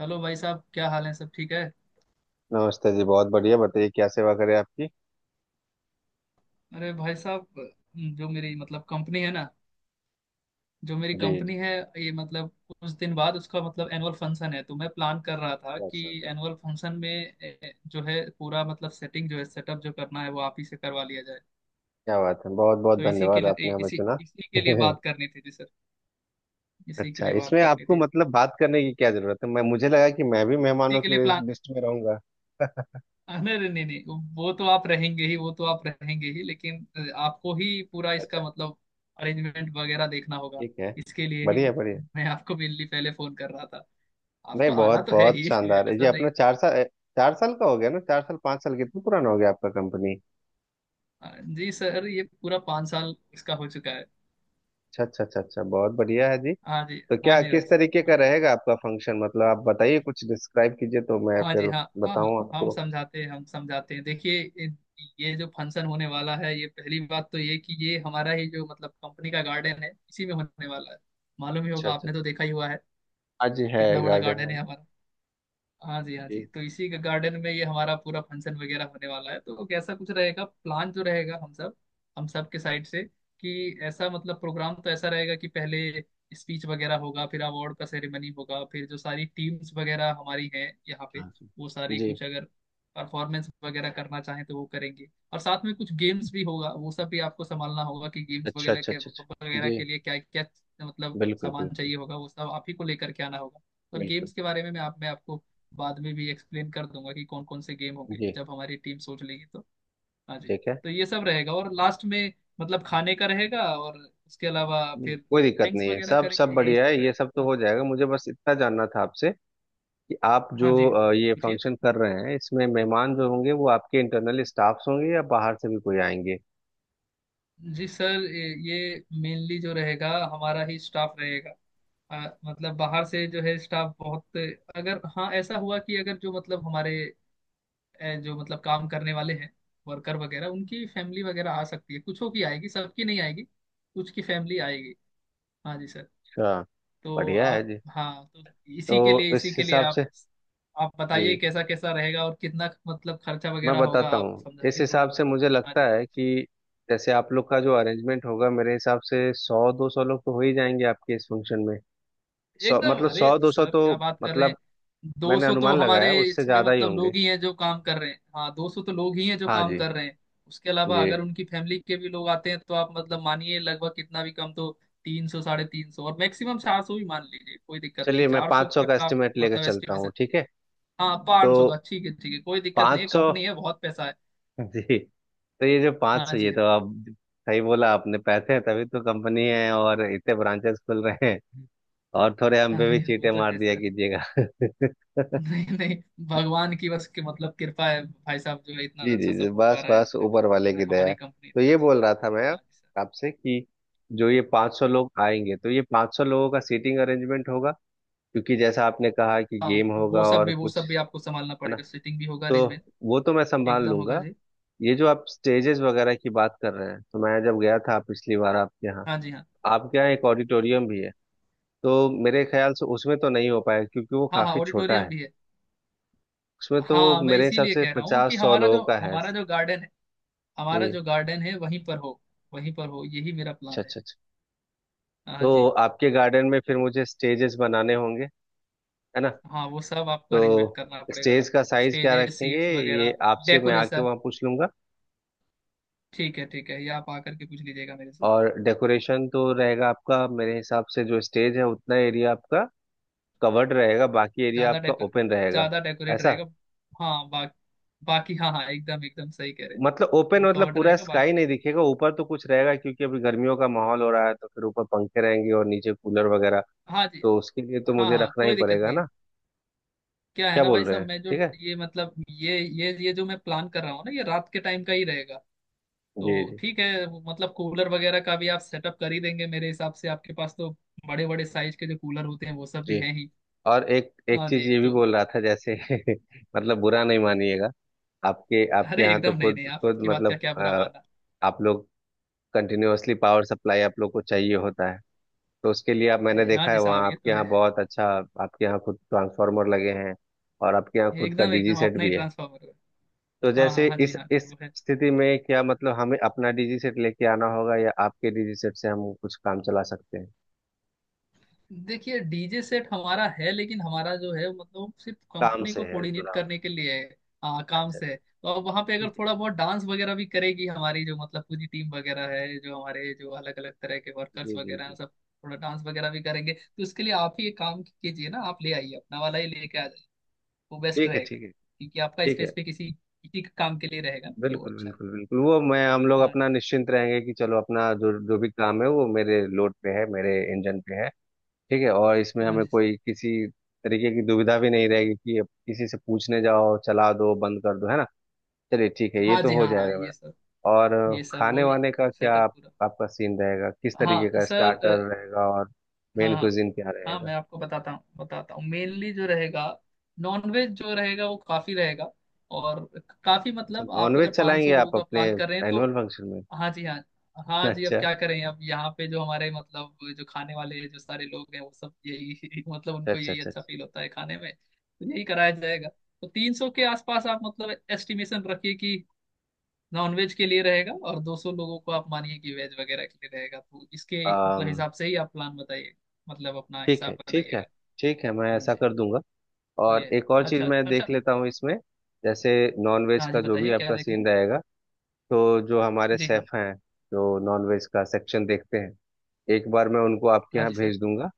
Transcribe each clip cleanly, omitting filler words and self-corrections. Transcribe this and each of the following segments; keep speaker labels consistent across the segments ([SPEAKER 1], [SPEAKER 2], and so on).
[SPEAKER 1] Hello भाई साहब, क्या हाल है? सब ठीक है?
[SPEAKER 2] नमस्ते जी। बहुत बढ़िया, बताइए क्या सेवा करें आपकी।
[SPEAKER 1] अरे भाई साहब, जो मेरी कंपनी है ना। जो मेरी
[SPEAKER 2] जी
[SPEAKER 1] कंपनी
[SPEAKER 2] जी।
[SPEAKER 1] है ये कुछ दिन बाद उसका एनुअल फंक्शन है। तो मैं प्लान कर रहा था
[SPEAKER 2] बहुत
[SPEAKER 1] कि
[SPEAKER 2] सुंदर,
[SPEAKER 1] एनुअल फंक्शन में जो है पूरा सेटिंग जो है, सेटअप जो करना है वो आप ही से करवा लिया जाए।
[SPEAKER 2] क्या बात है, बहुत बहुत
[SPEAKER 1] तो इसी के
[SPEAKER 2] धन्यवाद
[SPEAKER 1] लिए,
[SPEAKER 2] आपने हमें
[SPEAKER 1] इसी
[SPEAKER 2] चुना।
[SPEAKER 1] इसी के लिए बात करनी थी जी सर। इसी के
[SPEAKER 2] अच्छा,
[SPEAKER 1] लिए बात
[SPEAKER 2] इसमें
[SPEAKER 1] करनी
[SPEAKER 2] आपको
[SPEAKER 1] थी।
[SPEAKER 2] मतलब बात करने की क्या जरूरत है, मैं मुझे लगा कि मैं भी
[SPEAKER 1] इसी
[SPEAKER 2] मेहमानों
[SPEAKER 1] के लिए
[SPEAKER 2] की
[SPEAKER 1] प्लान।
[SPEAKER 2] लिस्ट में रहूंगा।
[SPEAKER 1] अरे नहीं नहीं नहीं, वो तो आप रहेंगे ही, वो तो आप रहेंगे ही, लेकिन आपको ही पूरा इसका
[SPEAKER 2] अच्छा,
[SPEAKER 1] अरेंजमेंट वगैरह देखना होगा।
[SPEAKER 2] ठीक है।
[SPEAKER 1] इसके लिए ही
[SPEAKER 2] बढ़िया बढ़िया।
[SPEAKER 1] मैं आपको मेनली पहले फोन कर रहा था।
[SPEAKER 2] नहीं,
[SPEAKER 1] आपको आना
[SPEAKER 2] बहुत
[SPEAKER 1] तो है
[SPEAKER 2] बहुत
[SPEAKER 1] ही
[SPEAKER 2] शानदार है ये।
[SPEAKER 1] ऐसा नहीं।
[SPEAKER 2] अपना 4 साल, 4 साल का हो गया ना? 4 साल, 5 साल, कितना पुराना हो गया आपका कंपनी?
[SPEAKER 1] अ, जी सर, ये पूरा पाँच साल इसका हो चुका है।
[SPEAKER 2] अच्छा अच्छा अच्छा अच्छा, बहुत बढ़िया है जी।
[SPEAKER 1] हाँ जी,
[SPEAKER 2] तो
[SPEAKER 1] हाँ
[SPEAKER 2] क्या
[SPEAKER 1] जी भाई
[SPEAKER 2] किस तरीके
[SPEAKER 1] साहब।
[SPEAKER 2] का
[SPEAKER 1] हाँ।
[SPEAKER 2] रहेगा आपका फंक्शन, मतलब आप बताइए कुछ डिस्क्राइब कीजिए तो मैं
[SPEAKER 1] हाँ जी,
[SPEAKER 2] फिर
[SPEAKER 1] हाँ हाँ
[SPEAKER 2] बताऊं
[SPEAKER 1] हाँ। हम
[SPEAKER 2] आपको।
[SPEAKER 1] समझाते हैं, हम समझाते हैं। देखिए ये जो फंक्शन होने वाला है, ये पहली बात तो ये कि ये हमारा ही जो कंपनी का गार्डन है इसी में होने वाला है। मालूम ही
[SPEAKER 2] अच्छा
[SPEAKER 1] होगा,
[SPEAKER 2] अच्छा।
[SPEAKER 1] आपने तो देखा ही हुआ है
[SPEAKER 2] हाँ जी, है
[SPEAKER 1] कितना बड़ा
[SPEAKER 2] गार्डन
[SPEAKER 1] गार्डन
[SPEAKER 2] है।
[SPEAKER 1] है हमारा। हाँ जी, हाँ
[SPEAKER 2] जी।
[SPEAKER 1] जी। तो इसी के गार्डन में ये हमारा पूरा फंक्शन वगैरह होने वाला है। तो कैसा कुछ रहेगा, प्लान जो रहेगा हम सब, हम सब के साइड से, कि ऐसा प्रोग्राम तो ऐसा रहेगा कि पहले स्पीच वगैरह होगा, फिर अवार्ड का सेरेमनी होगा, फिर जो सारी टीम्स वगैरह हमारी हैं यहाँ पे
[SPEAKER 2] हाँ जी।
[SPEAKER 1] वो सारी
[SPEAKER 2] जी।
[SPEAKER 1] कुछ अगर परफॉर्मेंस वगैरह करना चाहें तो वो करेंगे। और साथ में कुछ गेम्स भी होगा, वो सब भी आपको संभालना होगा कि गेम्स
[SPEAKER 2] अच्छा
[SPEAKER 1] वगैरह
[SPEAKER 2] अच्छा
[SPEAKER 1] के
[SPEAKER 2] अच्छा अच्छा जी।
[SPEAKER 1] लिए क्या क्या
[SPEAKER 2] बिल्कुल
[SPEAKER 1] सामान
[SPEAKER 2] बिल्कुल
[SPEAKER 1] चाहिए होगा, वो सब आप ही को लेकर के आना होगा। और
[SPEAKER 2] बिल्कुल।
[SPEAKER 1] गेम्स के बारे में मैं आपको बाद में भी एक्सप्लेन कर दूंगा कि कौन कौन से गेम होंगे
[SPEAKER 2] जी।
[SPEAKER 1] जब हमारी टीम सोच लेगी तो। हाँ जी।
[SPEAKER 2] ठीक है।
[SPEAKER 1] तो ये सब रहेगा, और लास्ट में खाने का रहेगा, और उसके अलावा
[SPEAKER 2] जी,
[SPEAKER 1] फिर
[SPEAKER 2] कोई दिक्कत
[SPEAKER 1] थैंक्स
[SPEAKER 2] नहीं है,
[SPEAKER 1] वगैरह
[SPEAKER 2] सब
[SPEAKER 1] करेंगे।
[SPEAKER 2] सब
[SPEAKER 1] यही
[SPEAKER 2] बढ़िया
[SPEAKER 1] सब
[SPEAKER 2] है, ये सब तो
[SPEAKER 1] रहेगा। हाँ।
[SPEAKER 2] हो जाएगा। मुझे बस इतना जानना था आपसे कि आप जो
[SPEAKER 1] हाँ जी,
[SPEAKER 2] ये
[SPEAKER 1] पूछिए।
[SPEAKER 2] फंक्शन कर रहे हैं, इसमें मेहमान जो होंगे वो आपके इंटरनल स्टाफ्स होंगे या बाहर से भी कोई आएंगे?
[SPEAKER 1] जी सर, ये मेनली जो रहेगा हमारा ही स्टाफ रहेगा। बाहर से जो है स्टाफ बहुत, अगर हाँ ऐसा हुआ कि अगर जो हमारे जो काम करने वाले हैं, वर्कर वगैरह, उनकी फैमिली वगैरह आ सकती है। कुछों की आएगी, सबकी नहीं आएगी। कुछ की फैमिली आएगी। हाँ जी सर।
[SPEAKER 2] अच्छा।
[SPEAKER 1] तो
[SPEAKER 2] बढ़िया है
[SPEAKER 1] आप।
[SPEAKER 2] जी।
[SPEAKER 1] हाँ तो इसी के लिए,
[SPEAKER 2] तो
[SPEAKER 1] इसी
[SPEAKER 2] इस
[SPEAKER 1] के लिए
[SPEAKER 2] हिसाब से।
[SPEAKER 1] आप बताइए
[SPEAKER 2] जी,
[SPEAKER 1] कैसा कैसा रहेगा और कितना खर्चा
[SPEAKER 2] मैं
[SPEAKER 1] वगैरह होगा,
[SPEAKER 2] बताता
[SPEAKER 1] आप
[SPEAKER 2] हूँ, इस
[SPEAKER 1] समझाइए थोड़ा।
[SPEAKER 2] हिसाब से मुझे
[SPEAKER 1] हाँ
[SPEAKER 2] लगता
[SPEAKER 1] जी।
[SPEAKER 2] है कि जैसे आप लोग का जो अरेंजमेंट होगा मेरे हिसाब से 100 200 लोग तो हो ही जाएंगे आपके इस फंक्शन में। सौ
[SPEAKER 1] एकदम,
[SPEAKER 2] मतलब
[SPEAKER 1] अरे
[SPEAKER 2] सौ दो सौ
[SPEAKER 1] सर
[SPEAKER 2] तो।
[SPEAKER 1] क्या बात कर रहे हैं!
[SPEAKER 2] मतलब
[SPEAKER 1] दो
[SPEAKER 2] मैंने
[SPEAKER 1] सौ तो
[SPEAKER 2] अनुमान
[SPEAKER 1] हमारे
[SPEAKER 2] लगाया उससे
[SPEAKER 1] इसमें
[SPEAKER 2] ज्यादा ही होंगे।
[SPEAKER 1] लोग ही हैं जो काम कर रहे हैं, हाँ दो सौ तो लोग ही हैं जो
[SPEAKER 2] हाँ
[SPEAKER 1] काम
[SPEAKER 2] जी।
[SPEAKER 1] कर रहे हैं। उसके अलावा
[SPEAKER 2] जी।
[SPEAKER 1] अगर उनकी फैमिली के भी लोग आते हैं तो आप मानिए लगभग, कितना भी कम तो तीन सौ, साढ़े तीन सौ, और मैक्सिमम चार सौ भी मान लीजिए, कोई दिक्कत नहीं है।
[SPEAKER 2] चलिए, मैं
[SPEAKER 1] चार सौ
[SPEAKER 2] 500
[SPEAKER 1] तक
[SPEAKER 2] का
[SPEAKER 1] का आप
[SPEAKER 2] एस्टिमेट लेकर चलता हूँ,
[SPEAKER 1] एस्टिमेशन।
[SPEAKER 2] ठीक है?
[SPEAKER 1] हाँ,
[SPEAKER 2] तो
[SPEAKER 1] पाँच सौ का ठीक है, ठीक है, कोई दिक्कत नहीं है।
[SPEAKER 2] 500।
[SPEAKER 1] कंपनी है, बहुत पैसा है।
[SPEAKER 2] जी। तो ये जो पाँच
[SPEAKER 1] हाँ
[SPEAKER 2] सौ ये
[SPEAKER 1] जी।
[SPEAKER 2] तो आप। सही बोला आपने, पैसे हैं तभी तो कंपनी है और इतने ब्रांचेस खुल रहे हैं, और थोड़े हम
[SPEAKER 1] हाँ,
[SPEAKER 2] पे भी
[SPEAKER 1] अरे वो
[SPEAKER 2] चीटे
[SPEAKER 1] तो
[SPEAKER 2] मार
[SPEAKER 1] है
[SPEAKER 2] दिया
[SPEAKER 1] सर।
[SPEAKER 2] कीजिएगा।
[SPEAKER 1] नहीं नहीं, भगवान की बस के कृपा है भाई साहब, जो है इतना
[SPEAKER 2] जी जी
[SPEAKER 1] अच्छा
[SPEAKER 2] जी,
[SPEAKER 1] सब हो पा
[SPEAKER 2] बस
[SPEAKER 1] रहा है
[SPEAKER 2] बस
[SPEAKER 1] अभी तक
[SPEAKER 2] ऊपर वाले की
[SPEAKER 1] हमारा,
[SPEAKER 2] दया है।
[SPEAKER 1] हमारी कंपनी
[SPEAKER 2] तो
[SPEAKER 1] इतना
[SPEAKER 2] ये
[SPEAKER 1] अच्छा।
[SPEAKER 2] बोल रहा था मैं
[SPEAKER 1] हाँ जी सर।
[SPEAKER 2] आपसे कि जो ये 500 लोग आएंगे तो ये 500 लोगों का सीटिंग अरेंजमेंट होगा, क्योंकि जैसा आपने कहा कि
[SPEAKER 1] हाँ,
[SPEAKER 2] गेम होगा
[SPEAKER 1] वो सब
[SPEAKER 2] और
[SPEAKER 1] भी, वो
[SPEAKER 2] कुछ,
[SPEAKER 1] सब भी आपको संभालना
[SPEAKER 2] है ना?
[SPEAKER 1] पड़ेगा। सीटिंग भी होगा
[SPEAKER 2] तो
[SPEAKER 1] अरेंजमेंट।
[SPEAKER 2] वो तो मैं संभाल
[SPEAKER 1] एकदम होगा
[SPEAKER 2] लूंगा।
[SPEAKER 1] जी।
[SPEAKER 2] ये जो आप स्टेजेस वगैरह की बात कर रहे हैं, तो मैं जब गया था पिछली बार आपके यहाँ
[SPEAKER 1] हाँ जी, हाँ
[SPEAKER 2] आपके यहाँ एक ऑडिटोरियम भी है। तो मेरे ख्याल से उसमें तो नहीं हो पाएगा क्योंकि वो
[SPEAKER 1] हाँ हाँ,
[SPEAKER 2] काफी छोटा
[SPEAKER 1] ऑडिटोरियम
[SPEAKER 2] है।
[SPEAKER 1] भी है।
[SPEAKER 2] उसमें तो
[SPEAKER 1] हाँ, मैं
[SPEAKER 2] मेरे हिसाब
[SPEAKER 1] इसीलिए
[SPEAKER 2] से
[SPEAKER 1] कह रहा हूँ कि
[SPEAKER 2] पचास सौ
[SPEAKER 1] हमारा
[SPEAKER 2] लोगों
[SPEAKER 1] जो,
[SPEAKER 2] का है। जी,
[SPEAKER 1] हमारा जो गार्डन है वहीं पर हो, वहीं पर हो, यही मेरा
[SPEAKER 2] अच्छा
[SPEAKER 1] प्लान है।
[SPEAKER 2] अच्छा अच्छा।
[SPEAKER 1] हाँ
[SPEAKER 2] तो
[SPEAKER 1] जी।
[SPEAKER 2] आपके गार्डन में फिर मुझे स्टेजेस बनाने होंगे, है ना?
[SPEAKER 1] हाँ, वो सब आपको
[SPEAKER 2] तो
[SPEAKER 1] अरेंजमेंट करना पड़ेगा।
[SPEAKER 2] स्टेज का साइज क्या
[SPEAKER 1] स्टेजेस,
[SPEAKER 2] रखेंगे
[SPEAKER 1] सीट्स
[SPEAKER 2] ये
[SPEAKER 1] वगैरह,
[SPEAKER 2] आपसे मैं आके
[SPEAKER 1] डेकोरेशन।
[SPEAKER 2] वहाँ पूछ लूंगा।
[SPEAKER 1] ठीक है ठीक है, ये आप आकर के पूछ लीजिएगा मेरे से।
[SPEAKER 2] और डेकोरेशन तो रहेगा आपका, मेरे हिसाब से जो स्टेज है उतना एरिया आपका कवर्ड रहेगा, बाकी एरिया
[SPEAKER 1] ज्यादा
[SPEAKER 2] आपका
[SPEAKER 1] डेकोर,
[SPEAKER 2] ओपन रहेगा।
[SPEAKER 1] ज्यादा डेकोरेट
[SPEAKER 2] ऐसा,
[SPEAKER 1] रहेगा। हाँ बा, बाकी हाँ हाँ एकदम एकदम सही कह रहे हैं।
[SPEAKER 2] मतलब ओपन
[SPEAKER 1] वो
[SPEAKER 2] मतलब
[SPEAKER 1] कवर्ड
[SPEAKER 2] पूरा
[SPEAKER 1] रहेगा,
[SPEAKER 2] स्काई
[SPEAKER 1] बाकी
[SPEAKER 2] नहीं
[SPEAKER 1] तो।
[SPEAKER 2] दिखेगा, ऊपर तो कुछ रहेगा क्योंकि अभी गर्मियों का माहौल हो रहा है, तो फिर ऊपर पंखे रहेंगे और नीचे कूलर वगैरह।
[SPEAKER 1] हाँ जी,
[SPEAKER 2] तो उसके लिए तो
[SPEAKER 1] हाँ
[SPEAKER 2] मुझे
[SPEAKER 1] हाँ
[SPEAKER 2] रखना ही
[SPEAKER 1] कोई दिक्कत
[SPEAKER 2] पड़ेगा
[SPEAKER 1] नहीं है।
[SPEAKER 2] ना?
[SPEAKER 1] क्या है
[SPEAKER 2] क्या
[SPEAKER 1] ना
[SPEAKER 2] बोल
[SPEAKER 1] भाई
[SPEAKER 2] रहे
[SPEAKER 1] साहब,
[SPEAKER 2] हैं,
[SPEAKER 1] मैं जो
[SPEAKER 2] ठीक है।
[SPEAKER 1] ये ये जो मैं प्लान कर रहा हूँ ना, ये रात के टाइम का ही रहेगा।
[SPEAKER 2] जी
[SPEAKER 1] तो
[SPEAKER 2] जी
[SPEAKER 1] ठीक है, वो कूलर वगैरह का भी आप सेटअप कर ही देंगे मेरे हिसाब से, आपके पास तो बड़े बड़े साइज के जो कूलर होते हैं वो सब भी
[SPEAKER 2] जी।
[SPEAKER 1] हैं ही।
[SPEAKER 2] और एक एक
[SPEAKER 1] हाँ
[SPEAKER 2] चीज
[SPEAKER 1] जी।
[SPEAKER 2] ये भी
[SPEAKER 1] तो
[SPEAKER 2] बोल रहा था जैसे, मतलब बुरा नहीं मानिएगा, आपके आपके
[SPEAKER 1] अरे
[SPEAKER 2] यहाँ तो
[SPEAKER 1] एकदम नहीं
[SPEAKER 2] खुद
[SPEAKER 1] नहीं,
[SPEAKER 2] खुद
[SPEAKER 1] आपकी बात का
[SPEAKER 2] मतलब
[SPEAKER 1] क्या बुरा मानना!
[SPEAKER 2] आप लोग कंटिन्यूअसली पावर सप्लाई आप लोग को चाहिए होता है। तो उसके लिए आप, मैंने
[SPEAKER 1] हाँ
[SPEAKER 2] देखा
[SPEAKER 1] जी
[SPEAKER 2] है
[SPEAKER 1] साहब,
[SPEAKER 2] वहाँ
[SPEAKER 1] ये
[SPEAKER 2] आपके
[SPEAKER 1] तो
[SPEAKER 2] यहाँ
[SPEAKER 1] है,
[SPEAKER 2] बहुत अच्छा, आपके यहाँ खुद ट्रांसफार्मर लगे हैं और आपके यहाँ खुद का
[SPEAKER 1] एकदम
[SPEAKER 2] डीजी
[SPEAKER 1] एकदम
[SPEAKER 2] सेट
[SPEAKER 1] अपना ही
[SPEAKER 2] भी है।
[SPEAKER 1] ट्रांसफॉर्मर है।
[SPEAKER 2] तो
[SPEAKER 1] हाँ
[SPEAKER 2] जैसे
[SPEAKER 1] हाँ हाँ जी,
[SPEAKER 2] इस
[SPEAKER 1] हाँ
[SPEAKER 2] इस
[SPEAKER 1] वो है।
[SPEAKER 2] स्थिति में क्या मतलब हमें अपना डीजी सेट लेके आना होगा या आपके डीजी सेट से हम कुछ काम चला सकते हैं?
[SPEAKER 1] देखिए डीजे सेट हमारा है, लेकिन हमारा जो है सिर्फ
[SPEAKER 2] काम
[SPEAKER 1] कंपनी
[SPEAKER 2] से
[SPEAKER 1] को
[SPEAKER 2] है
[SPEAKER 1] कोऑर्डिनेट
[SPEAKER 2] जुड़ा हुआ।
[SPEAKER 1] करने के लिए है। हाँ, काम
[SPEAKER 2] अच्छा
[SPEAKER 1] से है।
[SPEAKER 2] अच्छा।
[SPEAKER 1] तो अब वहाँ पे अगर थोड़ा बहुत डांस वगैरह भी करेगी हमारी जो पूरी टीम वगैरह है, जो हमारे जो अलग अलग तरह के वर्कर्स
[SPEAKER 2] जी जी
[SPEAKER 1] वगैरह हैं
[SPEAKER 2] जी।
[SPEAKER 1] सब, थोड़ा डांस वगैरह भी करेंगे तो उसके लिए आप ही एक काम कीजिए ना, आप ले आइए, अपना वाला ही लेके आ जाइए, वो बेस्ट
[SPEAKER 2] ठीक है
[SPEAKER 1] रहेगा।
[SPEAKER 2] ठीक है
[SPEAKER 1] क्योंकि आपका
[SPEAKER 2] ठीक
[SPEAKER 1] स्पेस
[SPEAKER 2] है।
[SPEAKER 1] पे किसी किसी के काम के लिए रहेगा ना, तो वो
[SPEAKER 2] बिल्कुल
[SPEAKER 1] अच्छा है।
[SPEAKER 2] बिल्कुल बिल्कुल, वो मैं हम लोग
[SPEAKER 1] हाँ
[SPEAKER 2] अपना
[SPEAKER 1] जी।
[SPEAKER 2] निश्चिंत रहेंगे कि चलो अपना जो जो भी काम है वो मेरे लोड पे है, मेरे इंजन पे है। ठीक है, और इसमें
[SPEAKER 1] हाँ हाँ
[SPEAKER 2] हमें
[SPEAKER 1] जी सर।
[SPEAKER 2] कोई किसी तरीके की दुविधा भी नहीं रहेगी कि अब किसी से पूछने जाओ, चला दो बंद कर दो, है ना? चलिए ठीक है, ये
[SPEAKER 1] हाँ
[SPEAKER 2] तो
[SPEAKER 1] जी,
[SPEAKER 2] हो
[SPEAKER 1] हाँ हाँ
[SPEAKER 2] जाएगा मेरा।
[SPEAKER 1] ये सब,
[SPEAKER 2] और
[SPEAKER 1] ये सब
[SPEAKER 2] खाने
[SPEAKER 1] वही
[SPEAKER 2] वाने का क्या,
[SPEAKER 1] सेटअप पूरा।
[SPEAKER 2] आपका सीन रहेगा किस तरीके
[SPEAKER 1] हाँ
[SPEAKER 2] का?
[SPEAKER 1] सर अ,
[SPEAKER 2] स्टार्टर रहेगा और
[SPEAKER 1] हाँ
[SPEAKER 2] मेन
[SPEAKER 1] हाँ
[SPEAKER 2] कुजिन क्या
[SPEAKER 1] हाँ,
[SPEAKER 2] रहेगा?
[SPEAKER 1] मैं आपको बताता हूँ, बताता हूँ। मेनली जो रहेगा, नॉनवेज जो रहेगा वो काफ़ी रहेगा। और काफ़ी
[SPEAKER 2] अच्छा,
[SPEAKER 1] आप
[SPEAKER 2] नॉनवेज
[SPEAKER 1] अगर
[SPEAKER 2] चलाएंगे
[SPEAKER 1] 500 लोगों
[SPEAKER 2] आप
[SPEAKER 1] का
[SPEAKER 2] अपने
[SPEAKER 1] प्लान कर रहे हैं तो।
[SPEAKER 2] एनुअल फंक्शन में?
[SPEAKER 1] हाँ जी। हाँ हाँ जी, अब
[SPEAKER 2] अच्छा
[SPEAKER 1] क्या करें, अब यहाँ पे जो हमारे जो खाने वाले जो सारे लोग हैं वो सब यही उनको
[SPEAKER 2] अच्छा
[SPEAKER 1] यही
[SPEAKER 2] अच्छा
[SPEAKER 1] अच्छा फील होता है खाने में, तो यही कराया जाएगा। तो तीन सौ के आसपास आप एस्टिमेशन रखिए कि नॉन वेज के लिए रहेगा, और दो सौ लोगों को आप मानिए कि वेज वगैरह के लिए रहेगा। तो इसके
[SPEAKER 2] अच्छा,
[SPEAKER 1] हिसाब से ही आप प्लान बताइए, अपना
[SPEAKER 2] ठीक है
[SPEAKER 1] हिसाब
[SPEAKER 2] ठीक है।
[SPEAKER 1] बनाइएगा।
[SPEAKER 2] ठीक है, मैं
[SPEAKER 1] हाँ
[SPEAKER 2] ऐसा
[SPEAKER 1] जी,
[SPEAKER 2] कर दूंगा।
[SPEAKER 1] ये
[SPEAKER 2] और
[SPEAKER 1] है।
[SPEAKER 2] एक और चीज
[SPEAKER 1] अच्छा
[SPEAKER 2] मैं देख
[SPEAKER 1] अच्छा।
[SPEAKER 2] लेता हूँ इसमें, जैसे नॉन वेज
[SPEAKER 1] हाँ
[SPEAKER 2] का
[SPEAKER 1] जी,
[SPEAKER 2] जो भी
[SPEAKER 1] बताइए क्या
[SPEAKER 2] आपका
[SPEAKER 1] देखना।
[SPEAKER 2] सीन रहेगा, तो जो हमारे
[SPEAKER 1] जी, हाँ
[SPEAKER 2] सेफ हैं, जो नॉन वेज का सेक्शन देखते हैं, एक बार मैं उनको आपके
[SPEAKER 1] हाँ
[SPEAKER 2] यहाँ
[SPEAKER 1] जी सर,
[SPEAKER 2] भेज दूंगा,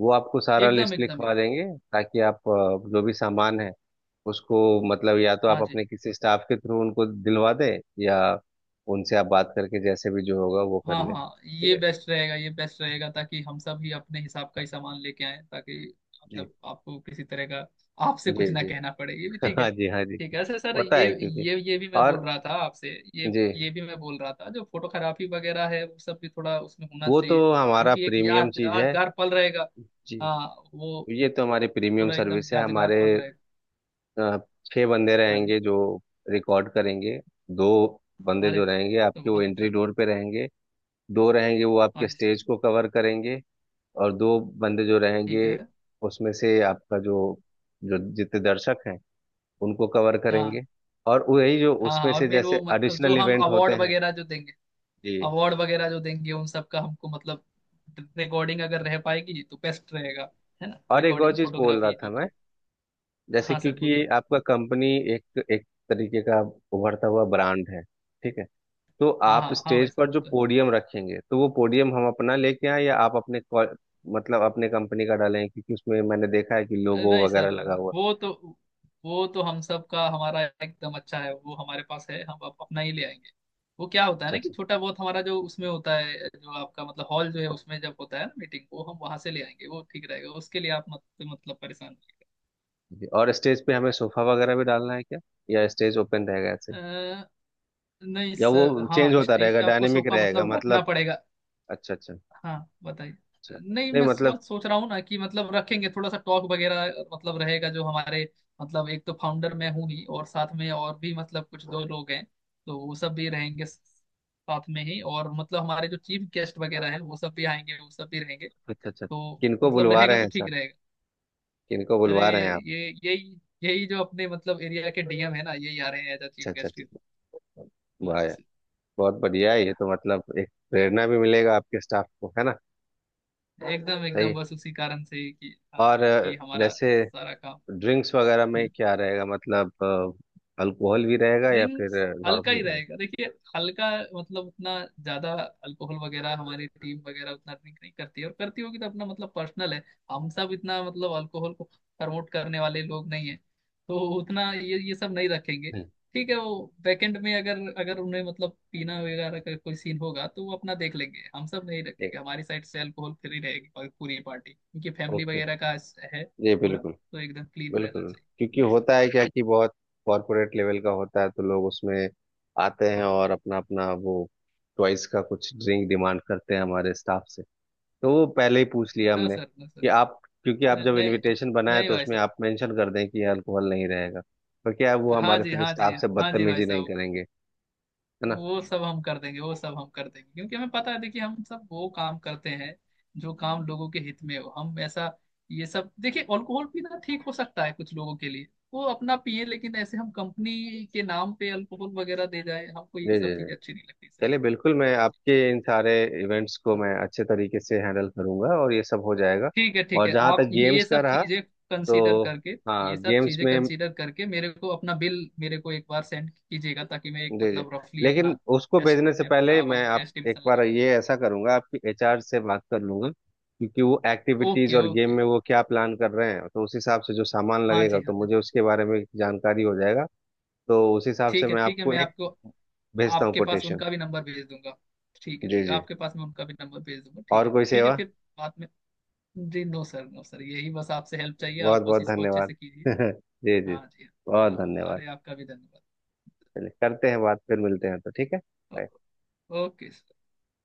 [SPEAKER 2] वो आपको सारा
[SPEAKER 1] एकदम
[SPEAKER 2] लिस्ट
[SPEAKER 1] एकदम
[SPEAKER 2] लिखवा
[SPEAKER 1] एकदम।
[SPEAKER 2] देंगे ताकि आप जो भी सामान है उसको, मतलब या तो आप
[SPEAKER 1] हाँ जी,
[SPEAKER 2] अपने किसी स्टाफ के थ्रू उनको दिलवा दें या उनसे आप बात करके जैसे भी जो होगा वो कर
[SPEAKER 1] हाँ
[SPEAKER 2] लें,
[SPEAKER 1] हाँ,
[SPEAKER 2] ठीक
[SPEAKER 1] ये
[SPEAKER 2] है?
[SPEAKER 1] बेस्ट रहेगा, ये बेस्ट रहेगा ताकि हम सब ही अपने हिसाब का ही सामान लेके आए, ताकि
[SPEAKER 2] जी
[SPEAKER 1] आपको किसी तरह का, आपसे कुछ
[SPEAKER 2] जी
[SPEAKER 1] ना
[SPEAKER 2] जी।
[SPEAKER 1] कहना पड़े, ये भी ठीक है।
[SPEAKER 2] हाँ जी हाँ जी।
[SPEAKER 1] ठीक है सर, सर
[SPEAKER 2] होता
[SPEAKER 1] ये,
[SPEAKER 2] है क्योंकि।
[SPEAKER 1] ये भी मैं बोल
[SPEAKER 2] और
[SPEAKER 1] रहा था आपसे
[SPEAKER 2] जी,
[SPEAKER 1] ये भी मैं बोल रहा था, जो फोटोग्राफी वगैरह है वो सब भी थोड़ा उसमें होना
[SPEAKER 2] वो तो
[SPEAKER 1] चाहिए
[SPEAKER 2] हमारा
[SPEAKER 1] क्योंकि एक
[SPEAKER 2] प्रीमियम चीज है।
[SPEAKER 1] यादगार पल रहेगा।
[SPEAKER 2] जी,
[SPEAKER 1] हाँ, वो
[SPEAKER 2] ये तो हमारी प्रीमियम
[SPEAKER 1] पूरा एकदम
[SPEAKER 2] सर्विस है
[SPEAKER 1] यादगार
[SPEAKER 2] हमारे।
[SPEAKER 1] पल रहेगा।
[SPEAKER 2] अ, छह बंदे
[SPEAKER 1] अरे,
[SPEAKER 2] रहेंगे जो रिकॉर्ड करेंगे। दो बंदे
[SPEAKER 1] अरे
[SPEAKER 2] जो
[SPEAKER 1] वाह
[SPEAKER 2] रहेंगे
[SPEAKER 1] तो
[SPEAKER 2] आपके, वो
[SPEAKER 1] बहुत
[SPEAKER 2] एंट्री
[SPEAKER 1] अच्छा।
[SPEAKER 2] डोर पे रहेंगे। दो रहेंगे वो
[SPEAKER 1] हाँ
[SPEAKER 2] आपके
[SPEAKER 1] जी सर।
[SPEAKER 2] स्टेज को कवर करेंगे। और दो बंदे जो
[SPEAKER 1] ठीक
[SPEAKER 2] रहेंगे
[SPEAKER 1] है।
[SPEAKER 2] उसमें से, आपका जो जो जितने दर्शक हैं उनको कवर करेंगे।
[SPEAKER 1] हाँ
[SPEAKER 2] और वही जो
[SPEAKER 1] हाँ,
[SPEAKER 2] उसमें
[SPEAKER 1] हाँ और
[SPEAKER 2] से
[SPEAKER 1] मेन
[SPEAKER 2] जैसे
[SPEAKER 1] वो जो
[SPEAKER 2] एडिशनल
[SPEAKER 1] हम
[SPEAKER 2] इवेंट
[SPEAKER 1] अवार्ड
[SPEAKER 2] होते हैं।
[SPEAKER 1] वगैरह जो देंगे,
[SPEAKER 2] जी।
[SPEAKER 1] अवार्ड वगैरह जो देंगे उन सब का हमको रिकॉर्डिंग अगर रह पाएगी तो बेस्ट रहेगा। है ना,
[SPEAKER 2] और एक और
[SPEAKER 1] रिकॉर्डिंग,
[SPEAKER 2] चीज बोल रहा
[SPEAKER 1] फोटोग्राफी
[SPEAKER 2] था
[SPEAKER 1] जो भी
[SPEAKER 2] मैं,
[SPEAKER 1] है।
[SPEAKER 2] जैसे
[SPEAKER 1] हाँ सर,
[SPEAKER 2] क्योंकि ये
[SPEAKER 1] बोलिए।
[SPEAKER 2] आपका कंपनी एक एक तरीके का उभरता हुआ ब्रांड है, ठीक है? तो
[SPEAKER 1] हाँ
[SPEAKER 2] आप
[SPEAKER 1] हाँ हाँ भाई
[SPEAKER 2] स्टेज
[SPEAKER 1] साहब
[SPEAKER 2] पर
[SPEAKER 1] ये
[SPEAKER 2] जो
[SPEAKER 1] तो
[SPEAKER 2] पोडियम रखेंगे तो वो पोडियम हम अपना लेके आए या आप अपने को-, मतलब अपने कंपनी का डालें, क्योंकि उसमें मैंने देखा है कि
[SPEAKER 1] है,
[SPEAKER 2] लोगो
[SPEAKER 1] नहीं सर,
[SPEAKER 2] वगैरह लगा हुआ है।
[SPEAKER 1] वो तो, वो तो हम सब का हमारा एकदम अच्छा है, वो हमारे पास है, हम अपना ही ले आएंगे। वो क्या होता है
[SPEAKER 2] अच्छा
[SPEAKER 1] ना कि
[SPEAKER 2] अच्छा
[SPEAKER 1] छोटा बहुत हमारा जो उसमें होता है, जो आपका हॉल जो है उसमें जब होता है ना मीटिंग, वो हम वहां से ले आएंगे, वो ठीक रहेगा। उसके लिए आप मत मतलब परेशान मत
[SPEAKER 2] जी। और स्टेज पे हमें सोफा वगैरह भी डालना है क्या, या स्टेज ओपन रहेगा ऐसे ही?
[SPEAKER 1] होइए। नहीं
[SPEAKER 2] या वो
[SPEAKER 1] सर, हाँ
[SPEAKER 2] चेंज होता
[SPEAKER 1] स्टेज
[SPEAKER 2] रहेगा,
[SPEAKER 1] पे आपको
[SPEAKER 2] डायनेमिक
[SPEAKER 1] सोफा
[SPEAKER 2] रहेगा
[SPEAKER 1] रखना
[SPEAKER 2] मतलब?
[SPEAKER 1] पड़ेगा।
[SPEAKER 2] अच्छा अच्छा
[SPEAKER 1] हाँ बताइए।
[SPEAKER 2] अच्छा।
[SPEAKER 1] नहीं,
[SPEAKER 2] नहीं
[SPEAKER 1] मैं
[SPEAKER 2] मतलब।
[SPEAKER 1] सोच सोच रहा हूँ ना कि रखेंगे थोड़ा सा टॉक वगैरह रहेगा, जो हमारे, एक तो फाउंडर मैं हूँ ही, और साथ में और भी कुछ दो लोग हैं, तो वो सब भी रहेंगे साथ में ही, और हमारे जो चीफ गेस्ट वगैरह हैं वो सब भी आएंगे, वो सब भी रहेंगे
[SPEAKER 2] अच्छा अच्छा।
[SPEAKER 1] तो
[SPEAKER 2] किनको बुलवा
[SPEAKER 1] रहेगा,
[SPEAKER 2] रहे
[SPEAKER 1] तो
[SPEAKER 2] हैं सर?
[SPEAKER 1] ठीक रहेगा।
[SPEAKER 2] किनको
[SPEAKER 1] अरे
[SPEAKER 2] बुलवा रहे हैं आप?
[SPEAKER 1] ये, यही यही जो अपने एरिया के डीएम है ना, यही आ रहे हैं एज
[SPEAKER 2] अच्छा
[SPEAKER 1] चीफ
[SPEAKER 2] अच्छा
[SPEAKER 1] गेस्ट।
[SPEAKER 2] अच्छा।
[SPEAKER 1] हाँ
[SPEAKER 2] वाह
[SPEAKER 1] जी
[SPEAKER 2] यार।
[SPEAKER 1] सर,
[SPEAKER 2] बहुत बढ़िया है ये तो, मतलब एक प्रेरणा भी मिलेगा आपके स्टाफ को, है ना?
[SPEAKER 1] एकदम एकदम,
[SPEAKER 2] सही।
[SPEAKER 1] बस उसी कारण से ही कि
[SPEAKER 2] और
[SPEAKER 1] हाँ कि हमारा
[SPEAKER 2] जैसे
[SPEAKER 1] सारा काम।
[SPEAKER 2] ड्रिंक्स वगैरह में
[SPEAKER 1] हम्म।
[SPEAKER 2] क्या रहेगा मतलब, अल्कोहल भी रहेगा या फिर
[SPEAKER 1] ड्रिंक्स हल्का
[SPEAKER 2] नॉर्मल
[SPEAKER 1] ही
[SPEAKER 2] रहेगा?
[SPEAKER 1] रहेगा देखिए, हल्का, उतना ज्यादा अल्कोहल वगैरह हमारी टीम वगैरह उतना ड्रिंक नहीं करती है, और करती होगी तो अपना पर्सनल है। हम सब इतना अल्कोहल को प्रमोट करने वाले लोग नहीं है, तो उतना ये सब नहीं रखेंगे।
[SPEAKER 2] हम्म।
[SPEAKER 1] ठीक है, वो बैकएंड में अगर, अगर उन्हें पीना वगैरह का कोई सीन होगा तो वो अपना देख लेंगे। हम सब नहीं
[SPEAKER 2] ठीक
[SPEAKER 1] रखेंगे, हमारी साइड से अल्कोहल फ्री रहेगी और पूरी पार्टी, क्योंकि
[SPEAKER 2] है,
[SPEAKER 1] फैमिली
[SPEAKER 2] ओके।
[SPEAKER 1] वगैरह का है,
[SPEAKER 2] जी,
[SPEAKER 1] पूरा
[SPEAKER 2] बिल्कुल
[SPEAKER 1] तो एकदम क्लीन रहना
[SPEAKER 2] बिल्कुल।
[SPEAKER 1] चाहिए।
[SPEAKER 2] क्योंकि
[SPEAKER 1] जी सर।
[SPEAKER 2] होता है क्या कि बहुत कॉर्पोरेट लेवल का होता है तो लोग उसमें आते हैं और अपना अपना वो चॉइस का कुछ ड्रिंक डिमांड करते हैं हमारे स्टाफ से। तो वो पहले ही पूछ लिया
[SPEAKER 1] हाँ
[SPEAKER 2] हमने
[SPEAKER 1] सर, हाँ सर,
[SPEAKER 2] कि आप, क्योंकि आप जब
[SPEAKER 1] नहीं
[SPEAKER 2] इनविटेशन बनाए
[SPEAKER 1] नहीं
[SPEAKER 2] तो
[SPEAKER 1] भाई
[SPEAKER 2] उसमें
[SPEAKER 1] साहब।
[SPEAKER 2] आप मेंशन कर दें कि अल्कोहल नहीं रहेगा। पर क्या है, वो
[SPEAKER 1] हाँ
[SPEAKER 2] हमारे
[SPEAKER 1] जी,
[SPEAKER 2] फिर
[SPEAKER 1] हाँ
[SPEAKER 2] स्टाफ
[SPEAKER 1] जी
[SPEAKER 2] से
[SPEAKER 1] हाँ जी भाई
[SPEAKER 2] बदतमीजी नहीं
[SPEAKER 1] साहब,
[SPEAKER 2] करेंगे, है ना?
[SPEAKER 1] वो सब हम कर देंगे, वो सब हम कर देंगे, क्योंकि हमें पता है, देखिए हम सब वो काम करते हैं जो काम लोगों के हित में हो। हम ऐसा, ये सब देखिए अल्कोहल पीना ठीक हो सकता है कुछ लोगों के लिए, वो अपना पिए, लेकिन ऐसे हम कंपनी के नाम पे अल्कोहल वगैरह दे जाए, हमको ये
[SPEAKER 2] जी जी
[SPEAKER 1] सब
[SPEAKER 2] जी।
[SPEAKER 1] चीजें अच्छी नहीं लगती। सही
[SPEAKER 2] चलिए
[SPEAKER 1] है।
[SPEAKER 2] बिल्कुल, मैं आपके इन सारे इवेंट्स को
[SPEAKER 1] हाँ,
[SPEAKER 2] मैं अच्छे तरीके से हैंडल करूंगा और ये सब हो जाएगा।
[SPEAKER 1] ठीक
[SPEAKER 2] और
[SPEAKER 1] है
[SPEAKER 2] जहाँ
[SPEAKER 1] आप
[SPEAKER 2] तक
[SPEAKER 1] ये
[SPEAKER 2] गेम्स का
[SPEAKER 1] सब
[SPEAKER 2] रहा,
[SPEAKER 1] चीजें कंसीडर
[SPEAKER 2] तो
[SPEAKER 1] करके,
[SPEAKER 2] हाँ,
[SPEAKER 1] ये सब
[SPEAKER 2] गेम्स
[SPEAKER 1] चीजें
[SPEAKER 2] में।
[SPEAKER 1] कंसीडर करके मेरे को अपना बिल, मेरे को एक बार सेंड कीजिएगा, ताकि मैं एक
[SPEAKER 2] जी जी,
[SPEAKER 1] रफली
[SPEAKER 2] लेकिन
[SPEAKER 1] अपना
[SPEAKER 2] उसको भेजने से पहले
[SPEAKER 1] पूरा
[SPEAKER 2] मैं
[SPEAKER 1] अमाउंट का
[SPEAKER 2] आप एक
[SPEAKER 1] एस्टिमेशन
[SPEAKER 2] बार
[SPEAKER 1] लगा पाऊँ।
[SPEAKER 2] ये ऐसा करूंगा, आपकी एचआर से बात कर लूंगा क्योंकि वो एक्टिविटीज
[SPEAKER 1] ओके
[SPEAKER 2] और गेम
[SPEAKER 1] ओके।
[SPEAKER 2] में वो क्या प्लान कर रहे हैं, तो उस हिसाब से जो सामान
[SPEAKER 1] हाँ
[SPEAKER 2] लगेगा
[SPEAKER 1] जी,
[SPEAKER 2] तो
[SPEAKER 1] हाँ जी।
[SPEAKER 2] मुझे उसके बारे में जानकारी हो जाएगा। तो उस हिसाब से
[SPEAKER 1] ठीक है
[SPEAKER 2] मैं
[SPEAKER 1] ठीक है,
[SPEAKER 2] आपको
[SPEAKER 1] मैं
[SPEAKER 2] एक
[SPEAKER 1] आपको
[SPEAKER 2] भेजता हूँ
[SPEAKER 1] आपके पास
[SPEAKER 2] कोटेशन।
[SPEAKER 1] उनका भी नंबर भेज दूंगा। ठीक है
[SPEAKER 2] जी
[SPEAKER 1] ठीक है,
[SPEAKER 2] जी,
[SPEAKER 1] आपके पास मैं उनका भी नंबर भेज दूंगा, ठीक
[SPEAKER 2] और
[SPEAKER 1] है
[SPEAKER 2] कोई
[SPEAKER 1] ठीक है,
[SPEAKER 2] सेवा?
[SPEAKER 1] फिर बाद में। जी नो सर, नो सर, यही बस आपसे हेल्प चाहिए,
[SPEAKER 2] बहुत
[SPEAKER 1] आप
[SPEAKER 2] बहुत
[SPEAKER 1] बस इसको अच्छे
[SPEAKER 2] धन्यवाद।
[SPEAKER 1] से कीजिए।
[SPEAKER 2] जी जी,
[SPEAKER 1] हाँ जी।
[SPEAKER 2] बहुत
[SPEAKER 1] हाँ हाँ,
[SPEAKER 2] धन्यवाद।
[SPEAKER 1] अरे आपका भी धन्यवाद।
[SPEAKER 2] चलिए, करते हैं बात, फिर मिलते हैं, तो ठीक है।
[SPEAKER 1] ओ-
[SPEAKER 2] Bye.
[SPEAKER 1] Okay sir.